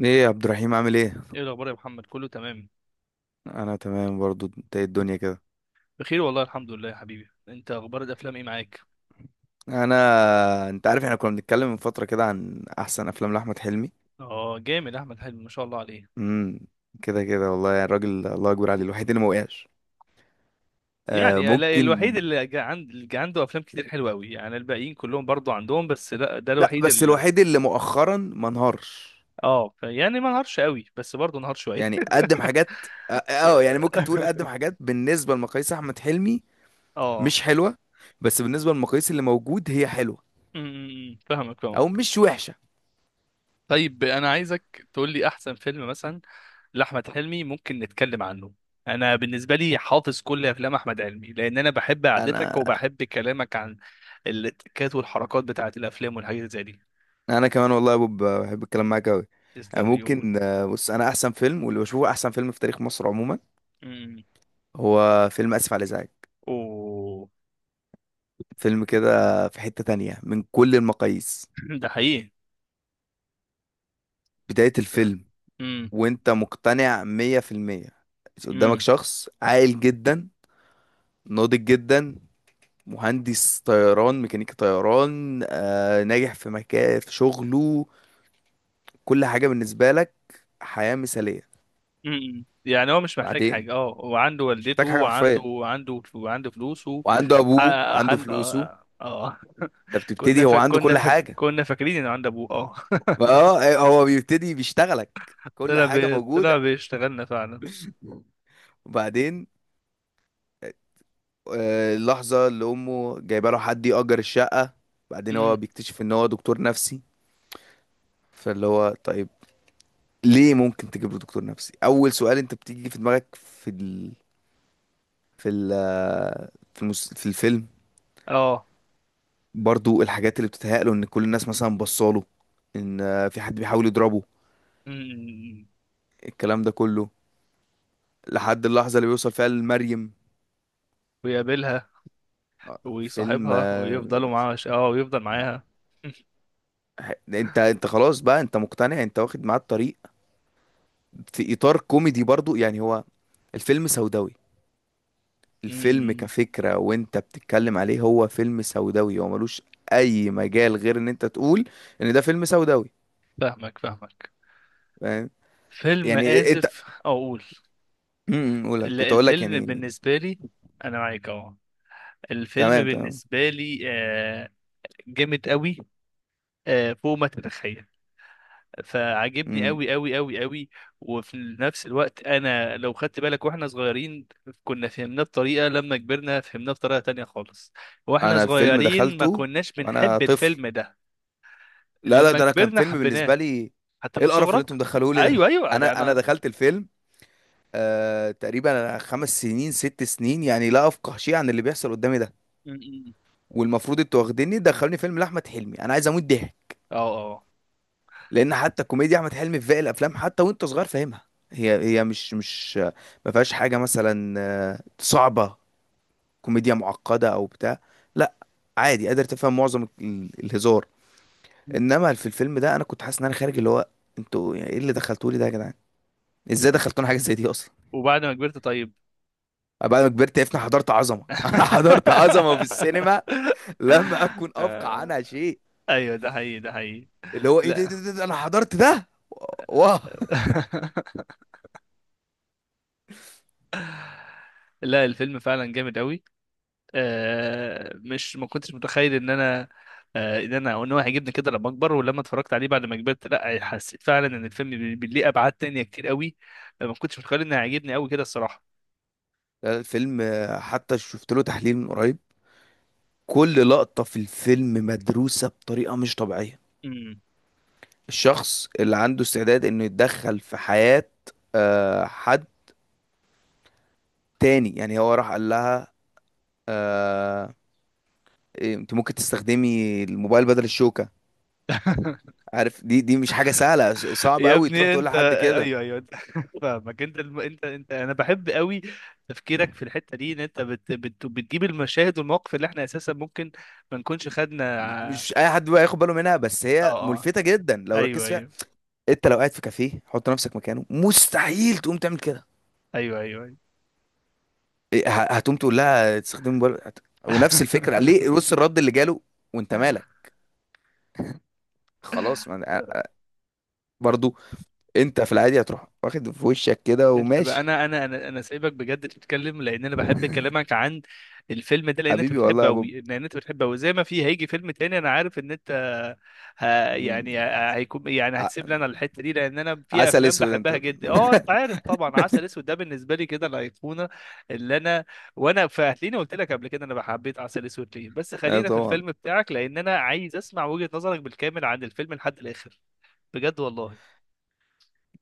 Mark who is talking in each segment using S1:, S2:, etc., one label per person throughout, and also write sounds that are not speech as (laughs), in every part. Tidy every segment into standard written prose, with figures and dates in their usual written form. S1: ايه يا عبد الرحيم عامل ايه؟
S2: ايه الاخبار يا محمد؟ كله تمام؟
S1: انا تمام برضو، انت ايه الدنيا كده؟
S2: بخير والله، الحمد لله يا حبيبي. انت اخبار الافلام ايه معاك؟
S1: انا انت عارف احنا كنا بنتكلم من فتره كده عن احسن افلام لاحمد حلمي.
S2: اه، جامد. احمد حلمي ما شاء الله عليه.
S1: امم كده كده والله، يعني الراجل الله اكبر عليه، الوحيد اللي ما وقعش. آه،
S2: يعني الوحيد
S1: ممكن.
S2: عند اللي جا عنده افلام كتير حلوه قوي. يعني الباقيين كلهم برضو عندهم، بس لا، ده
S1: لا
S2: الوحيد
S1: بس
S2: اللي.
S1: الوحيد اللي مؤخرا ما انهارش.
S2: اه، يعني ما نهارش قوي، بس برضو نهار شويه.
S1: يعني قدم
S2: (laughs)
S1: حاجات، يعني ممكن تقول قدم حاجات بالنسبه لمقاييس احمد حلمي
S2: اه،
S1: مش حلوه، بس بالنسبه للمقاييس اللي موجود هي حلوه
S2: م- م- م. فاهمك
S1: او
S2: فاهمك.
S1: مش وحشه.
S2: طيب، انا عايزك تقول لي احسن فيلم مثلا لاحمد حلمي ممكن نتكلم عنه. انا بالنسبه لي حافظ كل افلام احمد حلمي، لان انا بحب
S1: انا
S2: قعدتك وبحب كلامك عن التكات والحركات بتاعه الافلام والحاجات زي دي.
S1: انا كمان والله يا بوب بحب الكلام معاك قوي.
S2: تسلم لي يقول.
S1: ممكن، بص انا احسن فيلم واللي بشوفه احسن فيلم في تاريخ مصر عموما
S2: امم.
S1: هو فيلم اسف على الازعاج.
S2: اوه.
S1: فيلم كده في حتة تانية من كل المقاييس.
S2: (laughs) ده حقيقي.
S1: بداية الفيلم
S2: امم.
S1: وانت مقتنع مية في المية، قدامك
S2: امم.
S1: شخص عاقل جدا، ناضج جدا، مهندس طيران، ميكانيكي طيران، ناجح في مكان في شغله، كل حاجة بالنسبة لك، حياة مثالية.
S2: امم. يعني هو مش محتاج
S1: بعدين
S2: حاجه، وعنده
S1: مش
S2: والدته
S1: محتاج حاجة
S2: وعنده
S1: حرفيا،
S2: وعنده وعنده فلوسه.
S1: وعنده
S2: اه.
S1: ابوه وعنده فلوسه.
S2: اه. آه.
S1: انت
S2: (laughs)
S1: بتبتدي، هو عنده كل حاجه.
S2: كنا فاكرين انه عند ابوه. اه.
S1: اه، هو بيبتدي بيشتغلك.
S2: (laughs)
S1: كل حاجه موجوده.
S2: طلع بيشتغلنا فعلا.
S1: وبعدين اللحظه اللي امه جايبه له حد يأجر الشقه، بعدين هو بيكتشف ان هو دكتور نفسي، فاللي هو طيب ليه ممكن تجيب له دكتور نفسي؟ اول سؤال انت بتيجي في دماغك. في ال... في ال... في, المس... في الفيلم
S2: اه.
S1: برضو الحاجات اللي بتتهيأ له ان كل الناس مثلا بصاله، ان في حد بيحاول يضربه،
S2: أمم.
S1: الكلام ده كله، لحد اللحظه اللي بيوصل فيها لمريم.
S2: ويقابلها
S1: آه، فيلم
S2: ويصاحبها
S1: آه،
S2: ويفضلوا معاها، ويفضل معاها.
S1: انت خلاص بقى، انت مقتنع، انت واخد معاه الطريق. في اطار كوميدي برضو، يعني هو الفيلم سوداوي. الفيلم
S2: أمم.
S1: كفكرة وانت بتتكلم عليه هو فيلم سوداوي، هو ملوش اي مجال غير ان انت تقول ان ده فيلم سوداوي.
S2: فاهمك فاهمك.
S1: فاهم
S2: فيلم
S1: يعني انت؟
S2: آسف أقول.
S1: قولها
S2: لا،
S1: كنت اقول لك
S2: الفيلم
S1: يعني.
S2: بالنسبة لي، أنا معاك أهو. الفيلم
S1: تمام تمام.
S2: بالنسبة لي جامد قوي. فوق ما تتخيل. فعجبني
S1: امم،
S2: قوي قوي قوي قوي. وفي نفس الوقت، أنا لو خدت بالك وإحنا صغيرين، كنا فهمناه بطريقة. لما كبرنا فهمناه بطريقة تانية خالص. وإحنا
S1: انا الفيلم
S2: صغيرين ما
S1: دخلته
S2: كناش
S1: وانا
S2: بنحب
S1: طفل.
S2: الفيلم ده.
S1: لا لا،
S2: لما
S1: ده انا كان
S2: كبرنا
S1: فيلم
S2: حبيناه.
S1: بالنسبة لي
S2: حتى
S1: ايه
S2: من
S1: القرف اللي
S2: صغرك؟
S1: انتم مدخلوه لي ده.
S2: ايوه، ايوه، ده
S1: انا
S2: انا.
S1: دخلت الفيلم آه تقريبا خمس سنين ست سنين، يعني لا افقه شيء عن اللي بيحصل قدامي ده.
S2: م- م.
S1: والمفروض انتوا واخديني دخلوني فيلم لاحمد حلمي، انا عايز اموت ضحك.
S2: اه. اه.
S1: لان حتى كوميديا احمد حلمي في باقي الافلام حتى وانت صغير فاهمها، هي هي مش مش ما فيهاش حاجه مثلا صعبه، كوميديا معقده او بتاع. لا، عادي قادر تفهم معظم الهزار.
S2: م.
S1: انما في الفيلم ده انا كنت حاسس ان انا خارج اللي هو، انتوا يعني ايه اللي دخلتولي ده يا جدعان؟ ازاي دخلتونا حاجه زي دي اصلا؟
S2: وبعد ما كبرت؟ طيب.
S1: بعد ما كبرت عرفت إن أنا حضرت عظمه. (laughs) انا حضرت عظمه في
S2: (laughs)
S1: السينما لم اكن افقع عنها شيء.
S2: ايوه، ده حقيقي، ده حقيقي.
S1: اللي هو ايه ده,
S2: لا.
S1: انا حضرت ده. واه.
S2: (laughs) لا، الفيلم فعلا جامد قوي. آه مش ما كنتش متخيل ان انا آه، ان انا ان هو هيعجبني كده لما اكبر. ولما اتفرجت عليه بعد ما كبرت، لا، حسيت فعلا ان الفيلم ليه ابعاد تانية كتير قوي. ما كنتش متخيل انه هيعجبني قوي كده الصراحه.
S1: لا، الفيلم حتى شفت له تحليل من قريب، كل لقطة في الفيلم مدروسة بطريقة مش طبيعية.
S2: أمم.
S1: الشخص اللي عنده استعداد انه يتدخل في حياة حد تاني، يعني هو راح قال لها آه، إيه، انت ممكن تستخدمي الموبايل بدل الشوكة.
S2: (laughs)
S1: عارف، دي مش حاجة سهلة، صعب
S2: يا
S1: قوي تروح
S2: ابني
S1: تقول
S2: انت!
S1: لحد كده.
S2: ايوه، ايوه. انت (laughs) فاهمك. انت انا بحب قوي تفكيرك في الحته دي، ان انت بتجيب المشاهد والمواقف اللي احنا اساسا ممكن ما نكونش خدنا
S1: مش اي حد بقى ياخد باله منها، بس
S2: اه.
S1: هي
S2: اه.
S1: ملفتة جدا لو ركزت
S2: ايوه،
S1: فيها.
S2: ايوه،
S1: انت لو قاعد في كافيه حط نفسك مكانه مستحيل تقوم تعمل كده.
S2: ايوه، ايوه, أيوة.
S1: إيه، هتقوم تقول لها تستخدم موبايل ونفس الفكره، ليه بص الرد اللي جاله، وانت مالك؟ خلاص ما أنا-
S2: (laughs)
S1: برضو انت في العادي هتروح واخد في وشك كده
S2: انت بقى،
S1: وماشي.
S2: انا سايبك بجد تتكلم لان انا بحب
S1: (laughs)
S2: كلامك عن الفيلم ده، لان انت
S1: حبيبي والله
S2: بتحبه
S1: يا بوب.
S2: قوي، لان انت بتحبه قوي، زي ما في هيجي فيلم تاني انا عارف ان انت ه...
S1: مم.
S2: يعني هيكون، يعني
S1: ع-
S2: هتسيب لي انا الحته دي لان انا في
S1: عسل
S2: افلام
S1: اسود انت.
S2: بحبها جدا. اه انت
S1: (laughs)
S2: عارف طبعا عسل اسود ده بالنسبه لي كده الايقونه اللي انا، وانا فهتلاقيني قلت لك قبل كده انا حبيت عسل اسود ليه، بس
S1: اه
S2: خلينا في
S1: طبعا.
S2: الفيلم بتاعك لان انا عايز اسمع وجهه نظرك بالكامل عن الفيلم لحد الاخر. بجد والله.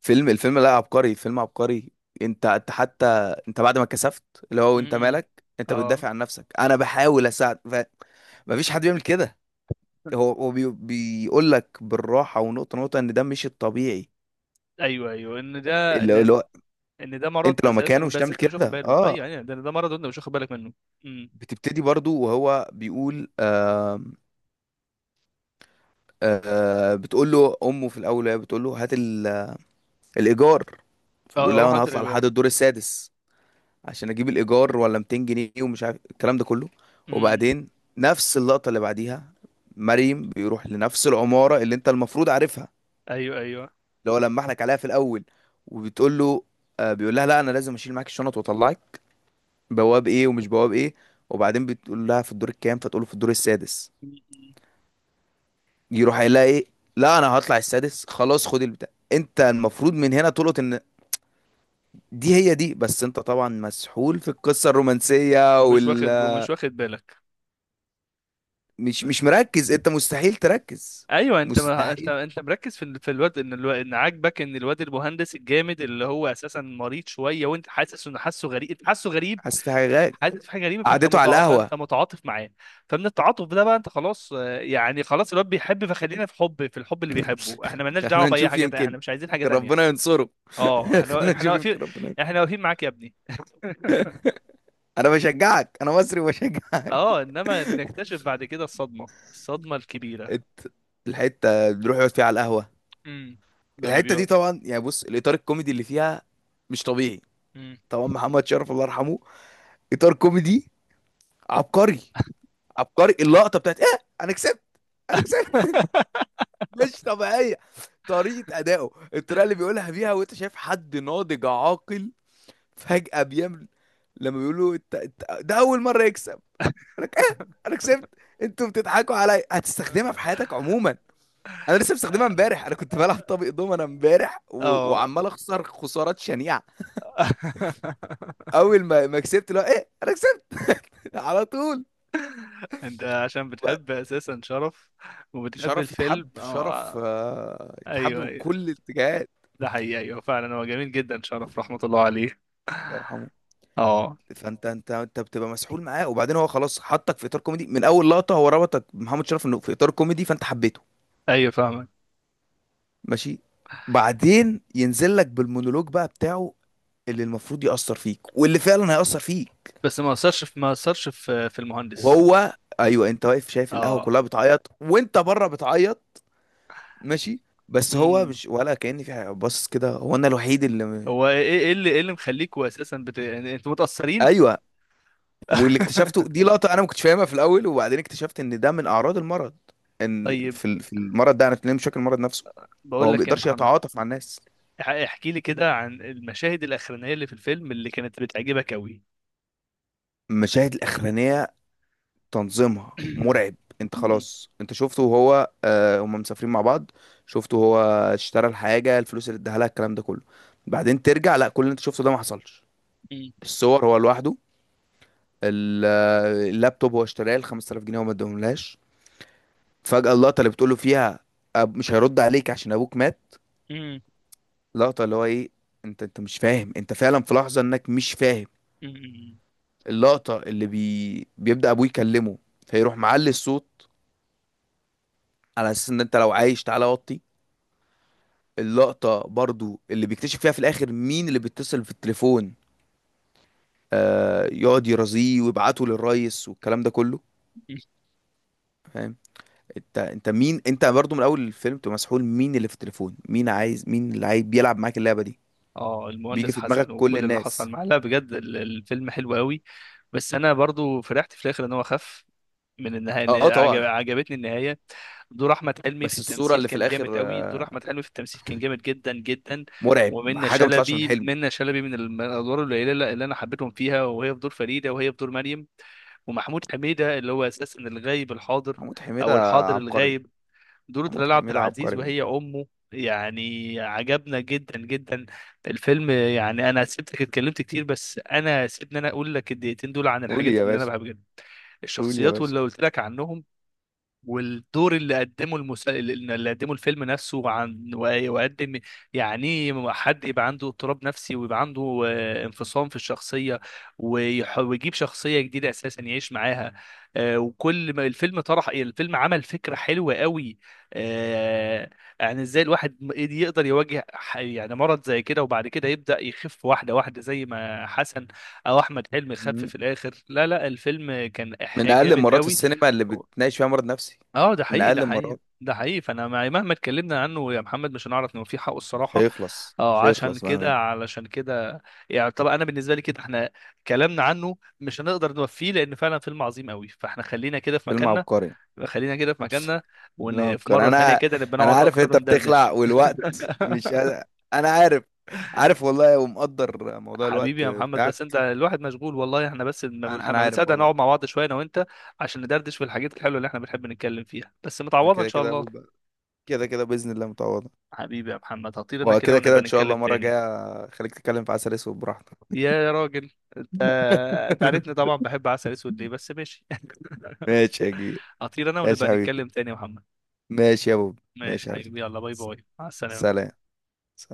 S1: فيلم الفيلم، لا عبقري، فيلم عبقري. انت حتى، انت بعد ما كسفت، اللي هو
S2: م-
S1: انت
S2: م.
S1: مالك؟ انت
S2: اه.
S1: بتدافع عن نفسك، انا بحاول اساعد. مفيش حد بيعمل كده. هو بيقول لك بالراحه ونقطه نقطه ان ده مش الطبيعي،
S2: ايوه، ايوه،
S1: اللي هو
S2: ان ده مرض
S1: انت لو
S2: اساسا،
S1: مكانه مش
S2: بس
S1: تعمل
S2: انت مش واخد
S1: كده.
S2: باله.
S1: اه،
S2: ايوه، ايوه، ده مرض وانت مش واخد بالك منه. امم.
S1: بتبتدي برضو وهو بيقول بتقول له امه في الاول وهي بتقول له هات الايجار. فبيقول
S2: اه،
S1: لها
S2: روح
S1: انا
S2: هات
S1: هطلع
S2: الاجوان.
S1: لحد الدور السادس عشان اجيب الايجار ولا 200 جنيه ومش عارف الكلام ده كله.
S2: امم.
S1: وبعدين نفس اللقطه اللي بعديها، مريم بيروح لنفس العماره اللي انت المفروض عارفها،
S2: ايوه، ايوه.
S1: اللي هو لما احنا عليها في الاول. وبتقول له، بيقول لها لا انا لازم اشيل معاك الشنط واطلعك، بواب ايه ومش بواب ايه. وبعدين بتقول لها في الدور الكام، فتقول له في الدور السادس.
S2: مم.
S1: يروح قايل لها ايه، لا انا هطلع السادس خلاص، خد البتاع. انت المفروض من هنا تلقط ان دي هي دي، بس انت طبعا مسحول في القصة الرومانسية
S2: ومش
S1: وال
S2: واخد ومش واخد بالك،
S1: مش
S2: مش
S1: مركز، انت مستحيل تركز،
S2: ايوه، انت ما انت
S1: مستحيل
S2: انت مركز في الواد، ان الواد المهندس الجامد اللي هو اساسا مريض شويه، وانت حاسس انه حاسه غريب، انت حاسه غريب.
S1: حاسس في حاجة غير
S2: حاسس في حاجه غريبه،
S1: قعدته على القهوة.
S2: فانت متعاطف معاه. فمن التعاطف ده بقى انت خلاص، يعني خلاص الواد بيحب، فخلينا في الحب اللي بيحبه. احنا
S1: (laughs)
S2: مالناش دعوه
S1: خلينا
S2: باي
S1: نشوف
S2: حاجه تانية،
S1: يمكن،
S2: احنا مش عايزين حاجه
S1: يمكن
S2: تانية.
S1: ربنا ينصره.
S2: اه،
S1: (laughs)
S2: احنا
S1: خلينا
S2: احنا
S1: نشوف
S2: واقفين.
S1: يمكن ربنا.
S2: احنا واقفين معاك يا ابني. (laughs)
S1: انا بشجعك، انا مصري وبشجعك.
S2: اه، انما نكتشف بعد كده الصدمه الكبيره.
S1: ات- الحته بنروح يقعد فيها على القهوه،
S2: امم. لما
S1: الحته
S2: بيقعد.
S1: دي طبعا يعني بص الاطار الكوميدي اللي فيها مش طبيعي.
S2: مم.
S1: طبعا محمد شرف الله يرحمه، اطار كوميدي عبقري. عبقري اللقطه بتاعت ايه انا كسبت، انا كسبت. (laughs) مش طبيعيه، طريقه ادائه، الطريقه اللي بيقولها بيها وانت شايف حد ناضج عاقل فجاه بيعمل لما بيقولوا انت، ده اول مره يكسب، انا ايه
S2: (laughs)
S1: انا كسبت. انتوا بتضحكوا عليا، هتستخدمها في حياتك عموما. انا لسه مستخدمها امبارح، انا كنت بلعب طابق دومنا امبارح
S2: اه.
S1: وعمال اخسر خسارات شنيعه.
S2: (laughs)
S1: اول ما كسبت، لا ايه، انا كسبت. (laughs) على طول.
S2: انت عشان
S1: وب-
S2: بتحب اساسا شرف، وبتحب
S1: شرف
S2: الفيلم.
S1: يتحب، شرف
S2: اه.
S1: يتحب
S2: ايوه،
S1: من كل
S2: ايوه،
S1: الاتجاهات.
S2: ده حقيقي. ايوه، فعلا هو جميل جدا. شرف رحمة الله عليه.
S1: الله يرحمه.
S2: اه.
S1: فانت بتبقى مسحول معاه، وبعدين هو خلاص حطك في اطار كوميدي من اول لقطه، هو ربطك بمحمد شرف انه في اطار كوميدي، فانت حبيته.
S2: ايوه، فاهمك.
S1: ماشي، بعدين ينزل لك بالمونولوج بقى بتاعه اللي المفروض يأثر فيك واللي فعلا هيأثر فيك.
S2: بس ما اثرش في المهندس.
S1: وهو ايوه، انت واقف شايف القهوه
S2: اه.
S1: كلها بتعيط وانت بره بتعيط ماشي، بس هو
S2: امم.
S1: مش ولا كأن في حاجه، باصص كده هو انا الوحيد اللي
S2: هو ايه ايه إيه اللي ايه اللي مخليكوا اساسا يعني انتوا متأثرين؟
S1: ايوه. واللي اكتشفته دي
S2: (laughs)
S1: لقطه انا ما كنتش فاهمها في الاول، وبعدين اكتشفت ان ده من اعراض المرض، ان
S2: طيب،
S1: في المرض ده انا بتكلم بشكل المرض نفسه،
S2: بقول
S1: هو ما
S2: لك إيه يا
S1: بيقدرش
S2: محمد؟
S1: يتعاطف مع الناس.
S2: احكي لي كده عن المشاهد الاخرانيه اللي في الفيلم اللي كانت بتعجبك قوي.
S1: المشاهد الاخرانيه تنظيمها مرعب. انت خلاص انت شفته وهو هم مسافرين مع بعض، شفته وهو اشترى الحاجه، الفلوس اللي اداها لها، الكلام ده كله، بعدين ترجع لا كل اللي انت شفته ده ما حصلش. الصور هو لوحده، ال- اللابتوب هو اشتراه ال 5000 جنيه وما اداهملهاش. فجأة اللقطة اللي بتقوله فيها أب مش هيرد عليك عشان ابوك مات، لقطة اللي هو ايه. انت مش فاهم، انت فعلا في لحظة انك مش فاهم. اللقطة اللي بيبدأ ابوه يكلمه فيروح معلي الصوت على اساس ان انت لو عايش تعالى وطي. اللقطة برضو اللي بيكتشف فيها في الاخر مين اللي بيتصل في التليفون، يقعد يرازيه ويبعته للريس والكلام ده كله، فاهم؟ انت مين انت؟ برضو من اول الفيلم تبقى مسحول، مين اللي في التليفون، مين عايز، مين اللي عايز بيلعب معاك اللعبه دي،
S2: اه،
S1: بيجي
S2: المهندس
S1: في دماغك
S2: حسن
S1: كل
S2: وكل اللي حصل
S1: الناس.
S2: معاه، لا بجد الفيلم حلو قوي. بس انا برضو فرحت في الاخر ان هو خف. من النهايه، إن
S1: اه، طبعا.
S2: عجبتني النهايه. دور احمد حلمي في
S1: بس الصوره
S2: التمثيل
S1: اللي في
S2: كان جامد
S1: الاخر
S2: قوي. دور احمد حلمي في التمثيل كان جامد جدا جدا.
S1: مرعب،
S2: ومنى
S1: حاجه ما طلعش من
S2: شلبي
S1: حلمي.
S2: منى شلبي من الادوار القليله اللي انا حبيتهم فيها، وهي في دور فريده، وهي في دور مريم. ومحمود حميده اللي هو اساسا الغايب الحاضر،
S1: محمود حميده
S2: او الحاضر
S1: عبقري،
S2: الغايب. بدورة
S1: محمود
S2: دلال عبد
S1: حميده
S2: العزيز
S1: عبقري بقى.
S2: وهي أمه. يعني عجبنا جدا جدا الفيلم. يعني أنا سبتك اتكلمت كتير، بس أنا سيبني أنا أقول لك الدقيقتين دول عن
S1: قول
S2: الحاجات
S1: يا
S2: اللي أنا
S1: باشا.
S2: بحبها جدا.
S1: قول يا
S2: الشخصيات
S1: باشا.
S2: واللي قلت لك عنهم. والدور اللي قدمه الفيلم نفسه عن. وقدم. يعني إيه، حد يبقى عنده اضطراب نفسي ويبقى عنده انفصام في الشخصية. ويجيب شخصية جديدة أساسا يعيش معاها. وكل ما الفيلم طرح الفيلم عمل فكرة حلوة قوي. آه، يعني ازاي الواحد يقدر يواجه يعني مرض زي كده، وبعد كده يبدأ يخف واحدة واحدة زي ما حسن، أو أحمد حلمي خف
S1: مم.
S2: في الآخر. لا، لا، الفيلم كان
S1: من اقل
S2: جامد
S1: المرات في
S2: قوي.
S1: السينما اللي بتناقش فيها مرض نفسي،
S2: اه، ده
S1: من
S2: حقيقي، ده
S1: اقل
S2: حقيقي،
S1: المرات.
S2: ده حقيقي. فانا مهما اتكلمنا عنه يا محمد مش هنعرف نوفيه حقه
S1: مش
S2: الصراحه.
S1: هيخلص،
S2: اه،
S1: مش
S2: عشان
S1: هيخلص بقى.
S2: كده علشان كده يعني طبعا انا بالنسبه لي كده احنا، كلامنا عنه مش هنقدر نوفيه لان فعلا فيلم عظيم قوي. فاحنا خلينا كده في
S1: فيلم
S2: مكاننا.
S1: عبقري.
S2: خلينا كده في مكاننا. وان في
S1: نوكر
S2: مره تانية
S1: انا،
S2: كده نبقى
S1: انا
S2: نقعد
S1: عارف
S2: اكتر
S1: انت بتخلع
S2: وندردش.
S1: والوقت مش
S2: (laughs)
S1: قادر. انا عارف، عارف والله ومقدر موضوع
S2: حبيبي
S1: الوقت
S2: يا محمد. بس انت
S1: بتاعك.
S2: الواحد مشغول والله. احنا بس
S1: انا
S2: ما
S1: عارف
S2: بنصدق
S1: والله.
S2: نقعد مع بعض شويه انا وانت، عشان ندردش في الحاجات الحلوه اللي احنا بنحب نتكلم فيها. بس
S1: أنا
S2: متعوضه ان
S1: كده
S2: شاء
S1: كده
S2: الله.
S1: كده كده باذن الله متعوضه.
S2: حبيبي يا محمد، هطير انا كده،
S1: وكده كده
S2: ونبقى
S1: ان شاء
S2: نتكلم
S1: الله مره
S2: تاني.
S1: جايه، خليك تتكلم في عسل اسود براحتك.
S2: يا راجل انت! انت عارفني
S1: (laughs)
S2: طبعا، بحب عسل اسود ليه. بس ماشي.
S1: ماشي يا كبير،
S2: (laughs) هطير انا
S1: ماشي
S2: ونبقى
S1: يا حبيبي.
S2: نتكلم تاني يا محمد.
S1: ماشي يا بوب، ماشي
S2: ماشي
S1: يا حبيبي.
S2: حبيبي، يلا، باي
S1: س-
S2: باي، مع السلامة.
S1: سلام.